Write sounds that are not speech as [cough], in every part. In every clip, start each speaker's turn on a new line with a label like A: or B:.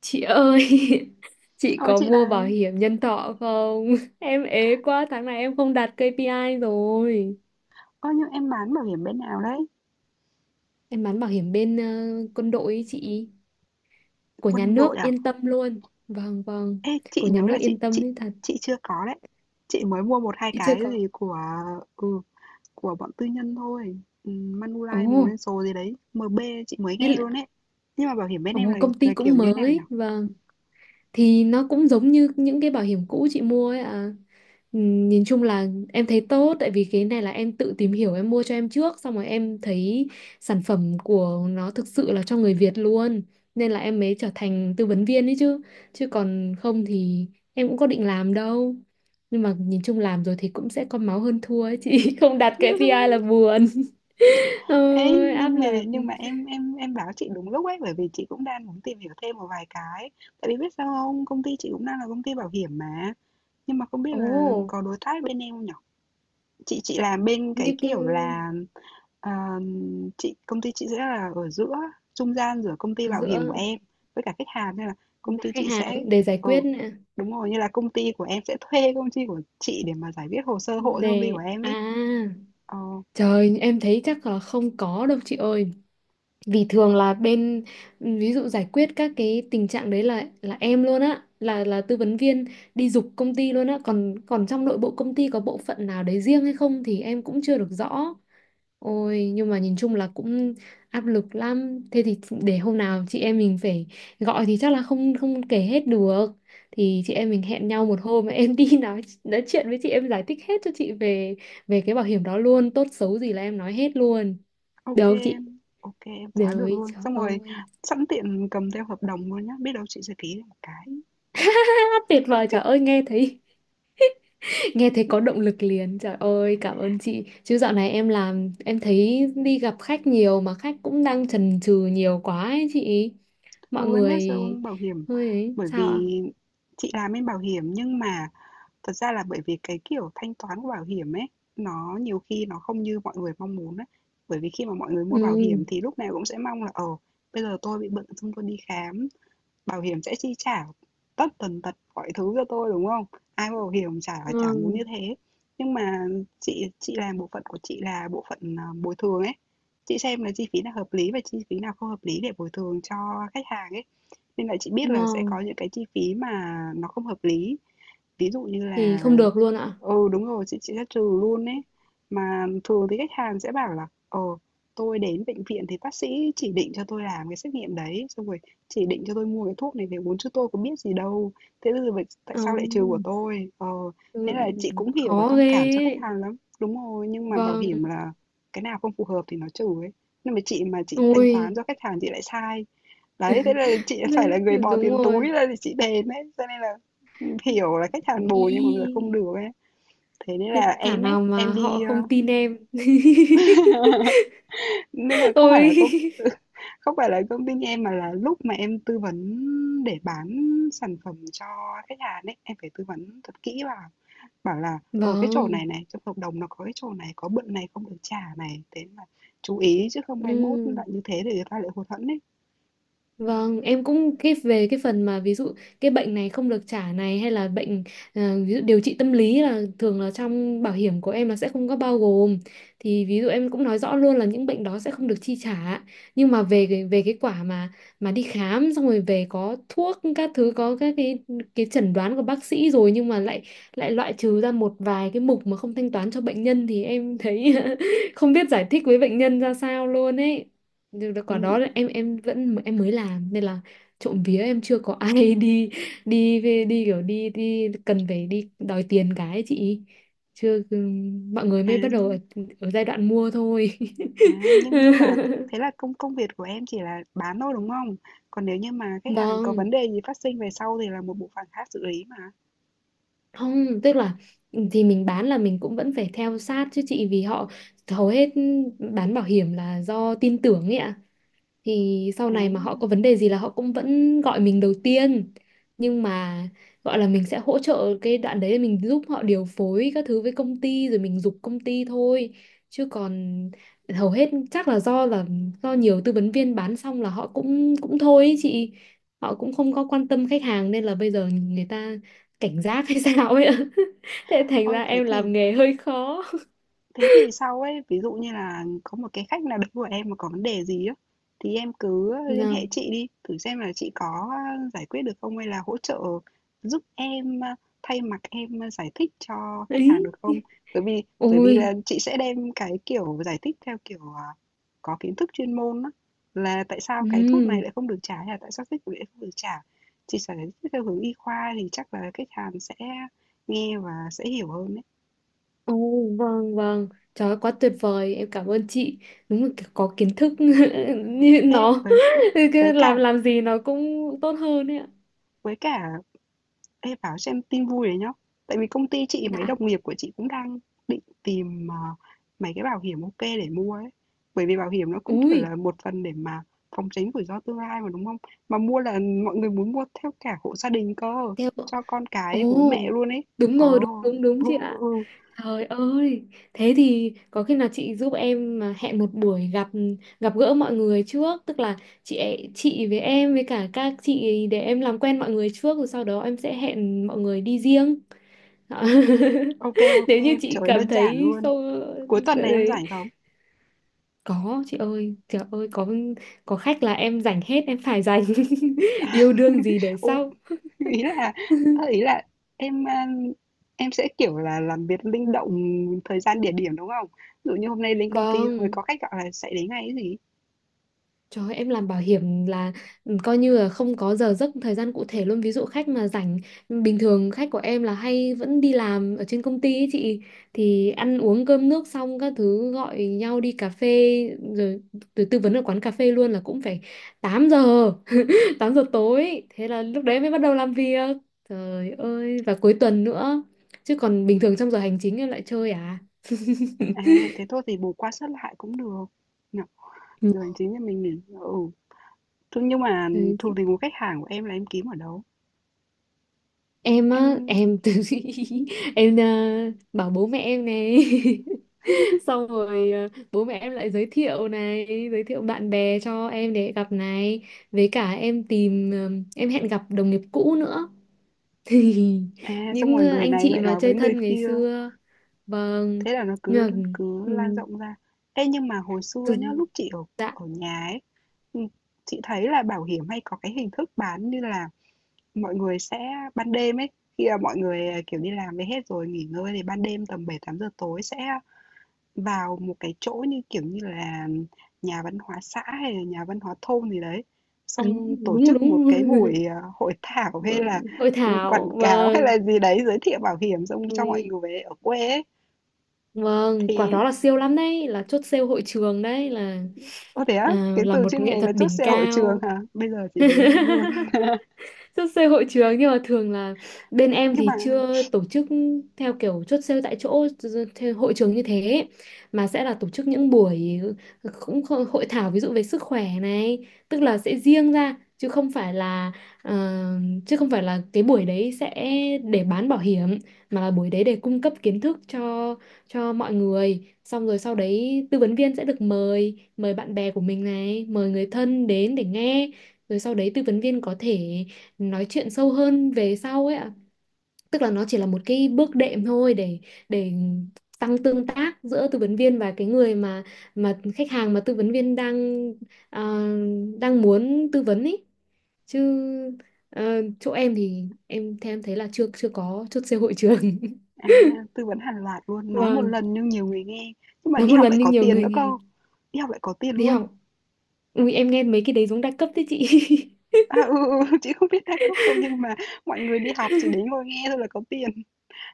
A: Chị ơi, [laughs] chị
B: Ôi,
A: có
B: chị
A: mua bảo
B: đấy,
A: hiểm nhân thọ không? [laughs] Em ế quá, tháng này em không đạt KPI rồi.
B: nhưng em bán bảo hiểm bên nào đấy?
A: Em bán bảo hiểm bên quân đội ấy chị, của nhà
B: Quân đội
A: nước
B: à?
A: yên tâm luôn. Vâng, vâng,
B: Ê, chị
A: của nhà
B: nhớ là
A: nước
B: chị
A: yên tâm
B: chị
A: ấy thật,
B: chị chưa có đấy. Chị mới mua một hai
A: chị chưa
B: cái
A: có.
B: gì ừ, của bọn tư nhân thôi. Ừ,
A: Ồ,
B: Manulife Prudential gì đấy, MB chị mới
A: thế
B: nghe
A: là,
B: luôn đấy. Nhưng mà bảo hiểm bên
A: ồ,
B: em là
A: công ty
B: là kiểu
A: cũng
B: như thế nào nhỉ?
A: mới, vâng. Thì nó cũng giống như những cái bảo hiểm cũ chị mua ấy à. Nhìn chung là em thấy tốt, tại vì cái này là em tự tìm hiểu em mua cho em trước, xong rồi em thấy sản phẩm của nó thực sự là cho người Việt luôn, nên là em mới trở thành tư vấn viên ấy chứ chứ còn không thì em cũng có định làm đâu, nhưng mà nhìn chung làm rồi thì cũng sẽ có máu hơn thua ấy chị. [laughs] Không đạt cái KPI là
B: [laughs]
A: buồn. [laughs]
B: Ê,
A: Ôi, áp
B: nhưng mà
A: lực.
B: nhưng mà em báo chị đúng lúc ấy, bởi vì chị cũng đang muốn tìm hiểu thêm một vài cái. Tại vì biết sao không, công ty chị cũng đang là công ty bảo hiểm mà. Nhưng mà không biết
A: Ồ,
B: là có đối tác bên em không nhỉ? Chị làm bên
A: như
B: cái
A: cái-
B: kiểu là, ờm, công ty chị sẽ là ở giữa, trung gian giữa công ty
A: ở
B: bảo hiểm của
A: giữa
B: em với cả khách hàng, nên là công
A: và
B: ty
A: khách
B: chị
A: hàng,
B: sẽ
A: để giải
B: ừ,
A: quyết.
B: đúng rồi, như là công ty của em sẽ thuê công ty của chị để mà giải quyết hồ sơ hộ cho công ty của
A: Đề
B: em
A: à,
B: ấy. Ờ,
A: trời em thấy chắc là không có đâu chị ơi, vì thường là bên ví dụ giải quyết các cái tình trạng đấy là em luôn á, là tư vấn viên đi giục công ty luôn á, còn còn trong nội bộ công ty có bộ phận nào đấy riêng hay không thì em cũng chưa được rõ. Ôi, nhưng mà nhìn chung là cũng áp lực lắm, thế thì để hôm nào chị em mình phải gọi thì chắc là không không kể hết được, thì chị em mình hẹn nhau một hôm em đi [laughs] nói chuyện với chị, em giải thích hết cho chị về về cái bảo hiểm đó luôn, tốt xấu gì là em nói hết luôn. Được
B: ok
A: không chị?
B: em, ô em, quá được
A: Rồi
B: luôn.
A: trời
B: Xong rồi
A: ơi.
B: sẵn tiện cầm theo hợp đồng luôn nhá, biết đâu chị sẽ ký được một cái.
A: [laughs] Tuyệt vời, trời ơi, nghe thấy. Nghe thấy có động lực liền. Trời ơi, cảm ơn chị. Chứ dạo này em làm em thấy đi gặp khách nhiều, mà khách cũng đang chần chừ nhiều quá ấy chị. Mọi
B: Ừ, em
A: người
B: biết rồi, bảo hiểm
A: hơi ấy
B: bởi
A: sao ạ?
B: vì chị làm bên bảo hiểm. Nhưng mà thật ra là bởi vì cái kiểu thanh toán của bảo hiểm ấy, nó nhiều khi nó không như mọi người mong muốn á. Bởi vì khi mà mọi người mua bảo hiểm
A: Ừ,
B: thì lúc nào cũng sẽ mong là, bây giờ tôi bị bệnh xong tôi đi khám, bảo hiểm sẽ chi trả tất tần tật mọi thứ cho tôi, đúng không? Ai mua bảo hiểm chả chả muốn như
A: ngon,
B: thế. Nhưng mà chị làm bộ phận của chị là bộ phận, bồi thường ấy, chị xem là chi phí nào hợp lý và chi phí nào không hợp lý để bồi thường cho khách hàng ấy. Nên là chị biết là sẽ
A: ngon.
B: có những cái chi phí mà nó không hợp lý, ví dụ như
A: Thì
B: là.
A: không được luôn ạ.
B: Ừ, đúng rồi, chị sẽ trừ luôn ấy. Mà thường thì khách hàng sẽ bảo là tôi đến bệnh viện thì bác sĩ chỉ định cho tôi làm cái xét nghiệm đấy, xong rồi chỉ định cho tôi mua cái thuốc này về uống chứ tôi có biết gì đâu. Thế bây giờ tại
A: Ờ,
B: sao lại trừ của tôi? Ờ,
A: ừ,
B: thế là chị cũng hiểu và
A: khó
B: thông
A: ghê
B: cảm cho khách
A: ấy.
B: hàng lắm. Đúng rồi, nhưng mà bảo
A: Vâng.
B: hiểm là cái nào không phù hợp thì nó trừ ấy. Nhưng mà chị thanh toán
A: Ui
B: cho khách hàng chị lại sai. Đấy, thế là chị [laughs] phải là
A: đấy,
B: người bỏ
A: đúng
B: tiền túi
A: rồi.
B: ra để chị đền ấy. Cho nên là hiểu là khách hàng bù nhưng mà bây giờ không
A: Ý.
B: được ấy. Thế nên
A: Thế
B: là
A: thảo
B: em ấy,
A: nào mà
B: em
A: họ
B: đi
A: không tin
B: [laughs]
A: em. [laughs]
B: nhưng mà không phải là công
A: Ôi.
B: [laughs] không phải là công ty em, mà là lúc mà em tư vấn để bán sản phẩm cho khách hàng ấy, em phải tư vấn thật kỹ vào, bảo là ở cái chỗ
A: Vâng.
B: này này trong hợp đồng nó có cái chỗ này, có bận này không được trả này, thế là chú ý chứ không mai mốt
A: Ừ.
B: lại như thế để người ta lại hụt hẫng ấy.
A: Vâng, em cũng cái về cái phần mà ví dụ cái bệnh này không được trả này, hay là bệnh, ờ, ví dụ điều trị tâm lý, là thường là trong bảo hiểm của em là sẽ không có bao gồm. Thì ví dụ em cũng nói rõ luôn là những bệnh đó sẽ không được chi trả. Nhưng mà về cái quả mà đi khám xong rồi về có thuốc các thứ, có các cái chẩn đoán của bác sĩ rồi, nhưng mà lại lại loại trừ ra một vài cái mục mà không thanh toán cho bệnh nhân, thì em thấy [laughs] không biết giải thích với bệnh nhân ra sao luôn ấy. Được quả
B: Ừ.
A: đó là em vẫn, em mới làm nên là trộm vía em chưa có ai [laughs] đi đi về, đi kiểu đi đi cần phải đi đòi tiền cái ấy chị, chưa. Ừ, mọi người
B: à
A: mới bắt đầu
B: nhưng
A: ở giai đoạn mua thôi.
B: nhưng mà thế
A: [laughs]
B: là công công việc của em chỉ là bán thôi đúng không, còn nếu như mà khách hàng có vấn
A: Vâng,
B: đề gì phát sinh về sau thì là một bộ phận khác xử lý mà.
A: không tức là ừ, thì mình bán là mình cũng vẫn phải theo sát chứ chị, vì họ hầu hết bán bảo hiểm là do tin tưởng ấy ạ, thì sau này mà họ có vấn
B: à
A: đề gì là họ cũng vẫn gọi mình đầu tiên, nhưng mà gọi là mình sẽ hỗ trợ cái đoạn đấy, mình giúp họ điều phối các thứ với công ty rồi mình giục công ty thôi, chứ còn hầu hết chắc là do là do nhiều tư vấn viên bán xong là họ cũng cũng thôi ý chị, họ cũng không có quan tâm khách hàng nên là bây giờ người ta cảnh giác hay [laughs] sao ấy ạ. [laughs] Thế thành
B: Ôi,
A: ra
B: thế
A: em
B: thì
A: làm nghề hơi khó.
B: thế thì sau ấy, ví dụ như là có một cái khách nào đấy của em mà có vấn đề gì á, thì em cứ liên
A: Nào.
B: hệ chị đi, thử xem là chị có, giải quyết được không hay là hỗ trợ giúp em, thay mặt em, giải thích cho khách hàng
A: Ấy.
B: được không? Bởi vì bởi vì
A: Ôi.
B: là chị sẽ đem cái, kiểu, giải thích theo kiểu, có kiến thức chuyên môn á, là tại sao cái thuốc này
A: Ừ.
B: lại không được trả hay là tại sao thuốc này lại không được trả. Chị sẽ giải thích theo hướng y khoa thì chắc là khách hàng sẽ nghe và sẽ hiểu hơn đấy.
A: Ồ, vâng, vâng. Trời ơi, quá tuyệt vời. Em cảm ơn chị. Đúng là kiểu có kiến thức [laughs] như
B: Ê,
A: nó. [laughs] Cứ
B: Với cả
A: làm gì nó cũng tốt hơn ấy ạ.
B: với cả ê, bảo xem tin vui đấy nhá. Tại vì công ty chị mấy
A: Dạ.
B: đồng nghiệp của chị cũng đang định tìm mấy cái bảo hiểm ok để mua ấy. Bởi vì bảo hiểm nó cũng kiểu
A: Ui,
B: là một phần để mà phòng tránh rủi ro tương lai mà đúng không? Mà mua là mọi người muốn mua theo cả hộ gia đình cơ,
A: theo.
B: cho con
A: Ồ,
B: cái bố mẹ luôn ấy.
A: đúng rồi,
B: Ồ,
A: đúng đúng đúng
B: ừ,
A: chị
B: ừ,
A: ạ.
B: ừ.
A: Trời ơi, thế thì có khi nào chị giúp em mà hẹn một buổi gặp, gặp gỡ mọi người trước, tức là chị chị với em với cả các chị, để em làm quen mọi người trước rồi sau đó em sẽ hẹn mọi người đi riêng. [laughs]
B: Ok
A: [laughs]
B: ok,
A: Nếu như chị
B: trời
A: cảm
B: đơn giản
A: thấy
B: luôn.
A: không
B: Cuối tuần này em
A: đấy.
B: rảnh không?
A: Có chị ơi, trời ơi, có khách là em dành hết, em phải dành. [laughs] Yêu đương gì để
B: Ừ,
A: sau.
B: [laughs] ý là ơ, ý là em, a, em sẽ, kiểu là, làm việc linh động thời gian, địa điểm, đúng không? Ví dụ như hôm nay đến công ty rồi
A: Vâng.
B: có khách gọi là sẽ đến ngay ấy gì.
A: Trời ơi, em làm bảo hiểm là ừ, coi như là không có giờ giấc thời gian cụ thể luôn, ví dụ khách mà rảnh, bình thường khách của em là hay vẫn đi làm ở trên công ty ấy chị, thì ăn uống cơm nước xong các thứ gọi nhau đi cà phê rồi, rồi tư vấn ở quán cà phê luôn là cũng phải 8 giờ 8 giờ tối, thế là lúc đấy mới bắt đầu làm việc, trời ơi, và cuối tuần nữa, chứ còn bình thường trong giờ hành chính em lại chơi à.
B: À,
A: [laughs]
B: thế thôi thì bù qua sớt lại cũng được. Nhỉ?
A: Ừ.
B: Giờ hành chính thì mình nghỉ. Ừ. Thế nhưng mà
A: Ừ,
B: thuộc
A: thì
B: tình của khách hàng của em là em kiếm ở đâu?
A: em á
B: Em
A: em từ [laughs] em, bảo bố mẹ em này, [laughs] xong rồi bố mẹ em lại giới thiệu này, giới thiệu bạn bè cho em để gặp này, với cả em tìm, em hẹn gặp đồng nghiệp cũ nữa, [laughs] thì
B: xong
A: những
B: rồi người
A: anh
B: này
A: chị
B: lại
A: mà
B: nói
A: chơi
B: với người
A: thân ngày
B: kia,
A: xưa. Vâng.
B: thế là nó
A: Nhưng
B: cứ
A: mà,
B: cứ lan rộng ra. Ê nhưng mà hồi xưa nhá,
A: ừm,
B: lúc chị ở
A: dạ.
B: ở nhà ấy, ừ, chị thấy là bảo hiểm hay có cái hình thức bán như là mọi người sẽ ban đêm ấy, khi mà mọi người, kiểu, đi làm về hết rồi nghỉ ngơi thì ban đêm tầm 7, 8 giờ tối sẽ vào một cái chỗ như, kiểu như là, nhà văn hóa xã hay là nhà văn hóa thôn gì đấy,
A: À,
B: xong tổ
A: đúng
B: chức một
A: đúng. [laughs]
B: cái buổi, hội thảo hay
A: Buổi
B: là,
A: hội
B: quảng
A: thảo.
B: cáo hay là
A: Vâng.
B: gì đấy, giới thiệu bảo hiểm xong cho mọi
A: Ui,
B: người ở quê ấy.
A: vâng, quả
B: Thì
A: đó là siêu lắm đấy, là chốt sale hội trường đấy, là
B: ô, thế á?
A: à,
B: Cái
A: là
B: từ
A: một
B: chuyên
A: nghệ
B: ngành
A: thuật
B: là chốt
A: đỉnh
B: sale hội trường
A: cao.
B: hả? Bây giờ chị mới nghe luôn. [laughs]
A: [laughs] Chốt sale hội trường, nhưng mà thường là bên em
B: Nhưng mà
A: thì chưa tổ chức theo kiểu chốt sale tại chỗ theo hội trường như thế, mà sẽ là tổ chức những buổi cũng hội thảo, ví dụ về sức khỏe này, tức là sẽ riêng ra chứ không phải là, ờ, chứ không phải là cái buổi đấy sẽ để bán bảo hiểm, mà là buổi đấy để cung cấp kiến thức cho mọi người, xong rồi sau đấy tư vấn viên sẽ được mời mời bạn bè của mình này, mời người thân đến để nghe, rồi sau đấy tư vấn viên có thể nói chuyện sâu hơn về sau ấy ạ, tức là nó chỉ là một cái bước đệm thôi để tăng tương tác giữa tư vấn viên và cái người mà khách hàng mà tư vấn viên đang, à, đang muốn tư vấn ấy, chứ, ờ, chỗ em thì em theo em thấy là chưa chưa có chốt sale hội trường.
B: à,
A: [laughs]
B: tư vấn hàng loạt luôn, nói một
A: Vâng.
B: lần nhưng nhiều người nghe, nhưng mà
A: Nói
B: đi
A: một
B: học lại
A: lần nhưng
B: có
A: nhiều
B: tiền
A: người
B: nữa cơ,
A: nghe.
B: đi học lại có tiền
A: Đi
B: luôn.
A: học. Ui em nghe mấy cái đấy giống đa cấp đấy chị.
B: À, ừ, ừ, ừ, chị không biết đa cấp không nhưng mà mọi người đi học chỉ đến ngồi nghe thôi là có tiền.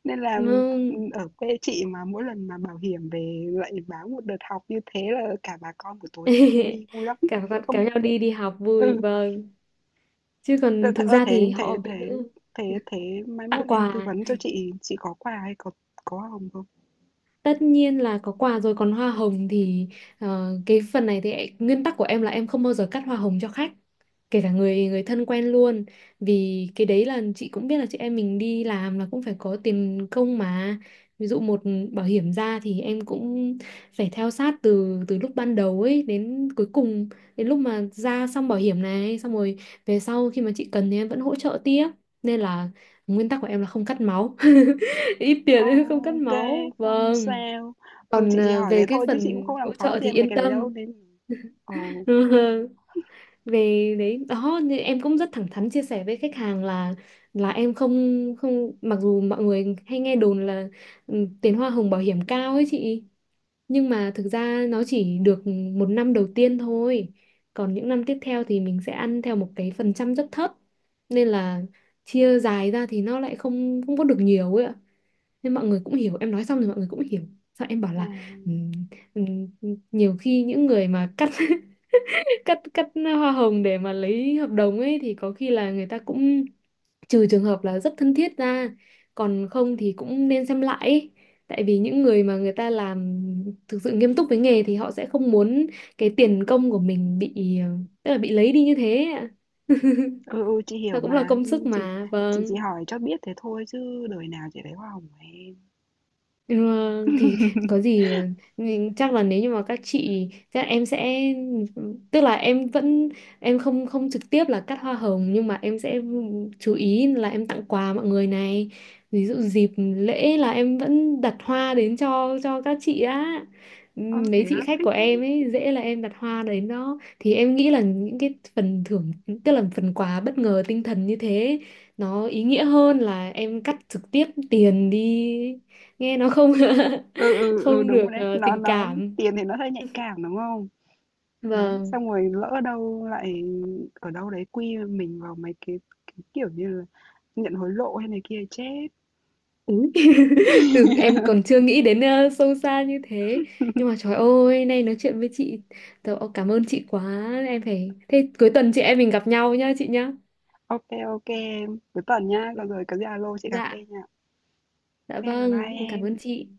B: Nên
A: [laughs]
B: là,
A: Vâng.
B: ở quê chị mà mỗi lần mà bảo hiểm về lại báo một đợt học như thế là cả bà con buổi tối kéo nhau đi
A: [laughs]
B: vui lắm.
A: kéo kéo
B: Không,
A: nhau đi đi học vui,
B: ừ,
A: vâng, chứ còn thực
B: ơ,
A: ra
B: thế
A: thì
B: thế
A: họ
B: thế
A: ví
B: thế
A: dụ
B: thế thế mai mốt
A: tặng
B: em tư
A: quà.
B: vấn cho chị có quà hay có hồng không?
A: Tất nhiên là có quà rồi, còn hoa hồng thì, cái phần này thì nguyên tắc của em là em không bao giờ cắt hoa hồng cho khách, kể cả người người thân quen luôn, vì cái đấy là chị cũng biết là chị em mình đi làm là cũng phải có tiền công mà, ví dụ một bảo hiểm ra thì em cũng phải theo sát từ từ lúc ban đầu ấy đến cuối cùng, đến lúc mà ra xong bảo hiểm này xong rồi về sau khi mà chị cần thì em vẫn hỗ trợ tiếp, nên là nguyên tắc của em là không cắt máu, [laughs] ít tiền
B: Ờ,
A: nên không cắt
B: ok
A: máu,
B: không
A: vâng.
B: sao. Ừ,
A: Còn
B: chị chỉ hỏi
A: về
B: thế
A: cái
B: thôi chứ chị cũng
A: phần
B: không làm
A: hỗ
B: khó
A: trợ
B: gì
A: thì
B: em mấy
A: yên
B: cái đấy đâu
A: tâm.
B: nên ừ,
A: [laughs] Về đấy đó, nên em cũng rất thẳng thắn chia sẻ với khách hàng là em không, mặc dù mọi người hay nghe đồn là ừ, tiền hoa hồng bảo hiểm cao ấy chị, nhưng mà thực ra nó chỉ được một năm đầu tiên thôi, còn những năm tiếp theo thì mình sẽ ăn theo một cái phần trăm rất thấp, nên là chia dài ra thì nó lại không không có được nhiều ấy ạ, nên mọi người cũng hiểu, em nói xong rồi mọi người cũng hiểu, sao em bảo
B: à,
A: là "Ừm, ừm, nhiều khi những người mà cắt [laughs] cắt cắt hoa hồng để mà lấy hợp đồng ấy thì có khi là người ta cũng, trừ trường hợp là rất thân thiết ra, còn không thì cũng nên xem lại ấy. Tại vì những người mà người ta làm thực sự nghiêm túc với nghề thì họ sẽ không muốn cái tiền công của mình bị, tức là bị lấy đi như thế ạ. [laughs]
B: ừ, chị hiểu
A: Nó cũng là
B: mà.
A: công
B: Ừ,
A: sức
B: Chị
A: mà,
B: chị chỉ
A: vâng.
B: hỏi cho biết thế thôi chứ đời nào chị lấy hoa hồng của em.
A: Ừ, thì có
B: [laughs]
A: gì, ừ, mình chắc là nếu như mà các chị, chắc em sẽ, tức là em vẫn, em không không trực tiếp là cắt hoa hồng, nhưng mà em sẽ chú ý là em tặng quà mọi người này, ví dụ dịp lễ là em vẫn đặt hoa đến cho các chị á. Ừ,
B: Ơ thế
A: mấy
B: á,
A: chị khách
B: thích
A: của
B: thế.
A: em ấy, dễ là em đặt hoa đến đó thì em nghĩ là những cái phần thưởng, tức là phần quà bất ngờ tinh thần như thế, nó ý nghĩa hơn là em cắt trực tiếp tiền đi, nghe nó không [laughs]
B: Ừ, ừ, ừ,
A: không
B: đúng rồi
A: được,
B: đấy.
A: tình
B: Nó,
A: cảm
B: tiền thì nó hơi nhạy cảm đúng không?
A: và.
B: Đấy, xong rồi lỡ đâu lại ở đâu đấy quy mình vào mấy cái kiểu như là nhận hối lộ hay này kia chết.
A: Úi [laughs] từ em còn chưa nghĩ đến, sâu xa như thế, nhưng mà trời ơi, nay nói chuyện với chị tớ, ô, cảm ơn chị quá, em phải thế, cuối tuần chị em mình gặp nhau nhá chị nhá.
B: Ok, ok em. Cuối tuần nha, còn
A: Ừ,
B: rồi có gì alo chị cà phê
A: dạ,
B: nha. Ok,
A: dạ,
B: bye
A: vâng,
B: bye
A: em cảm
B: em.
A: ơn chị.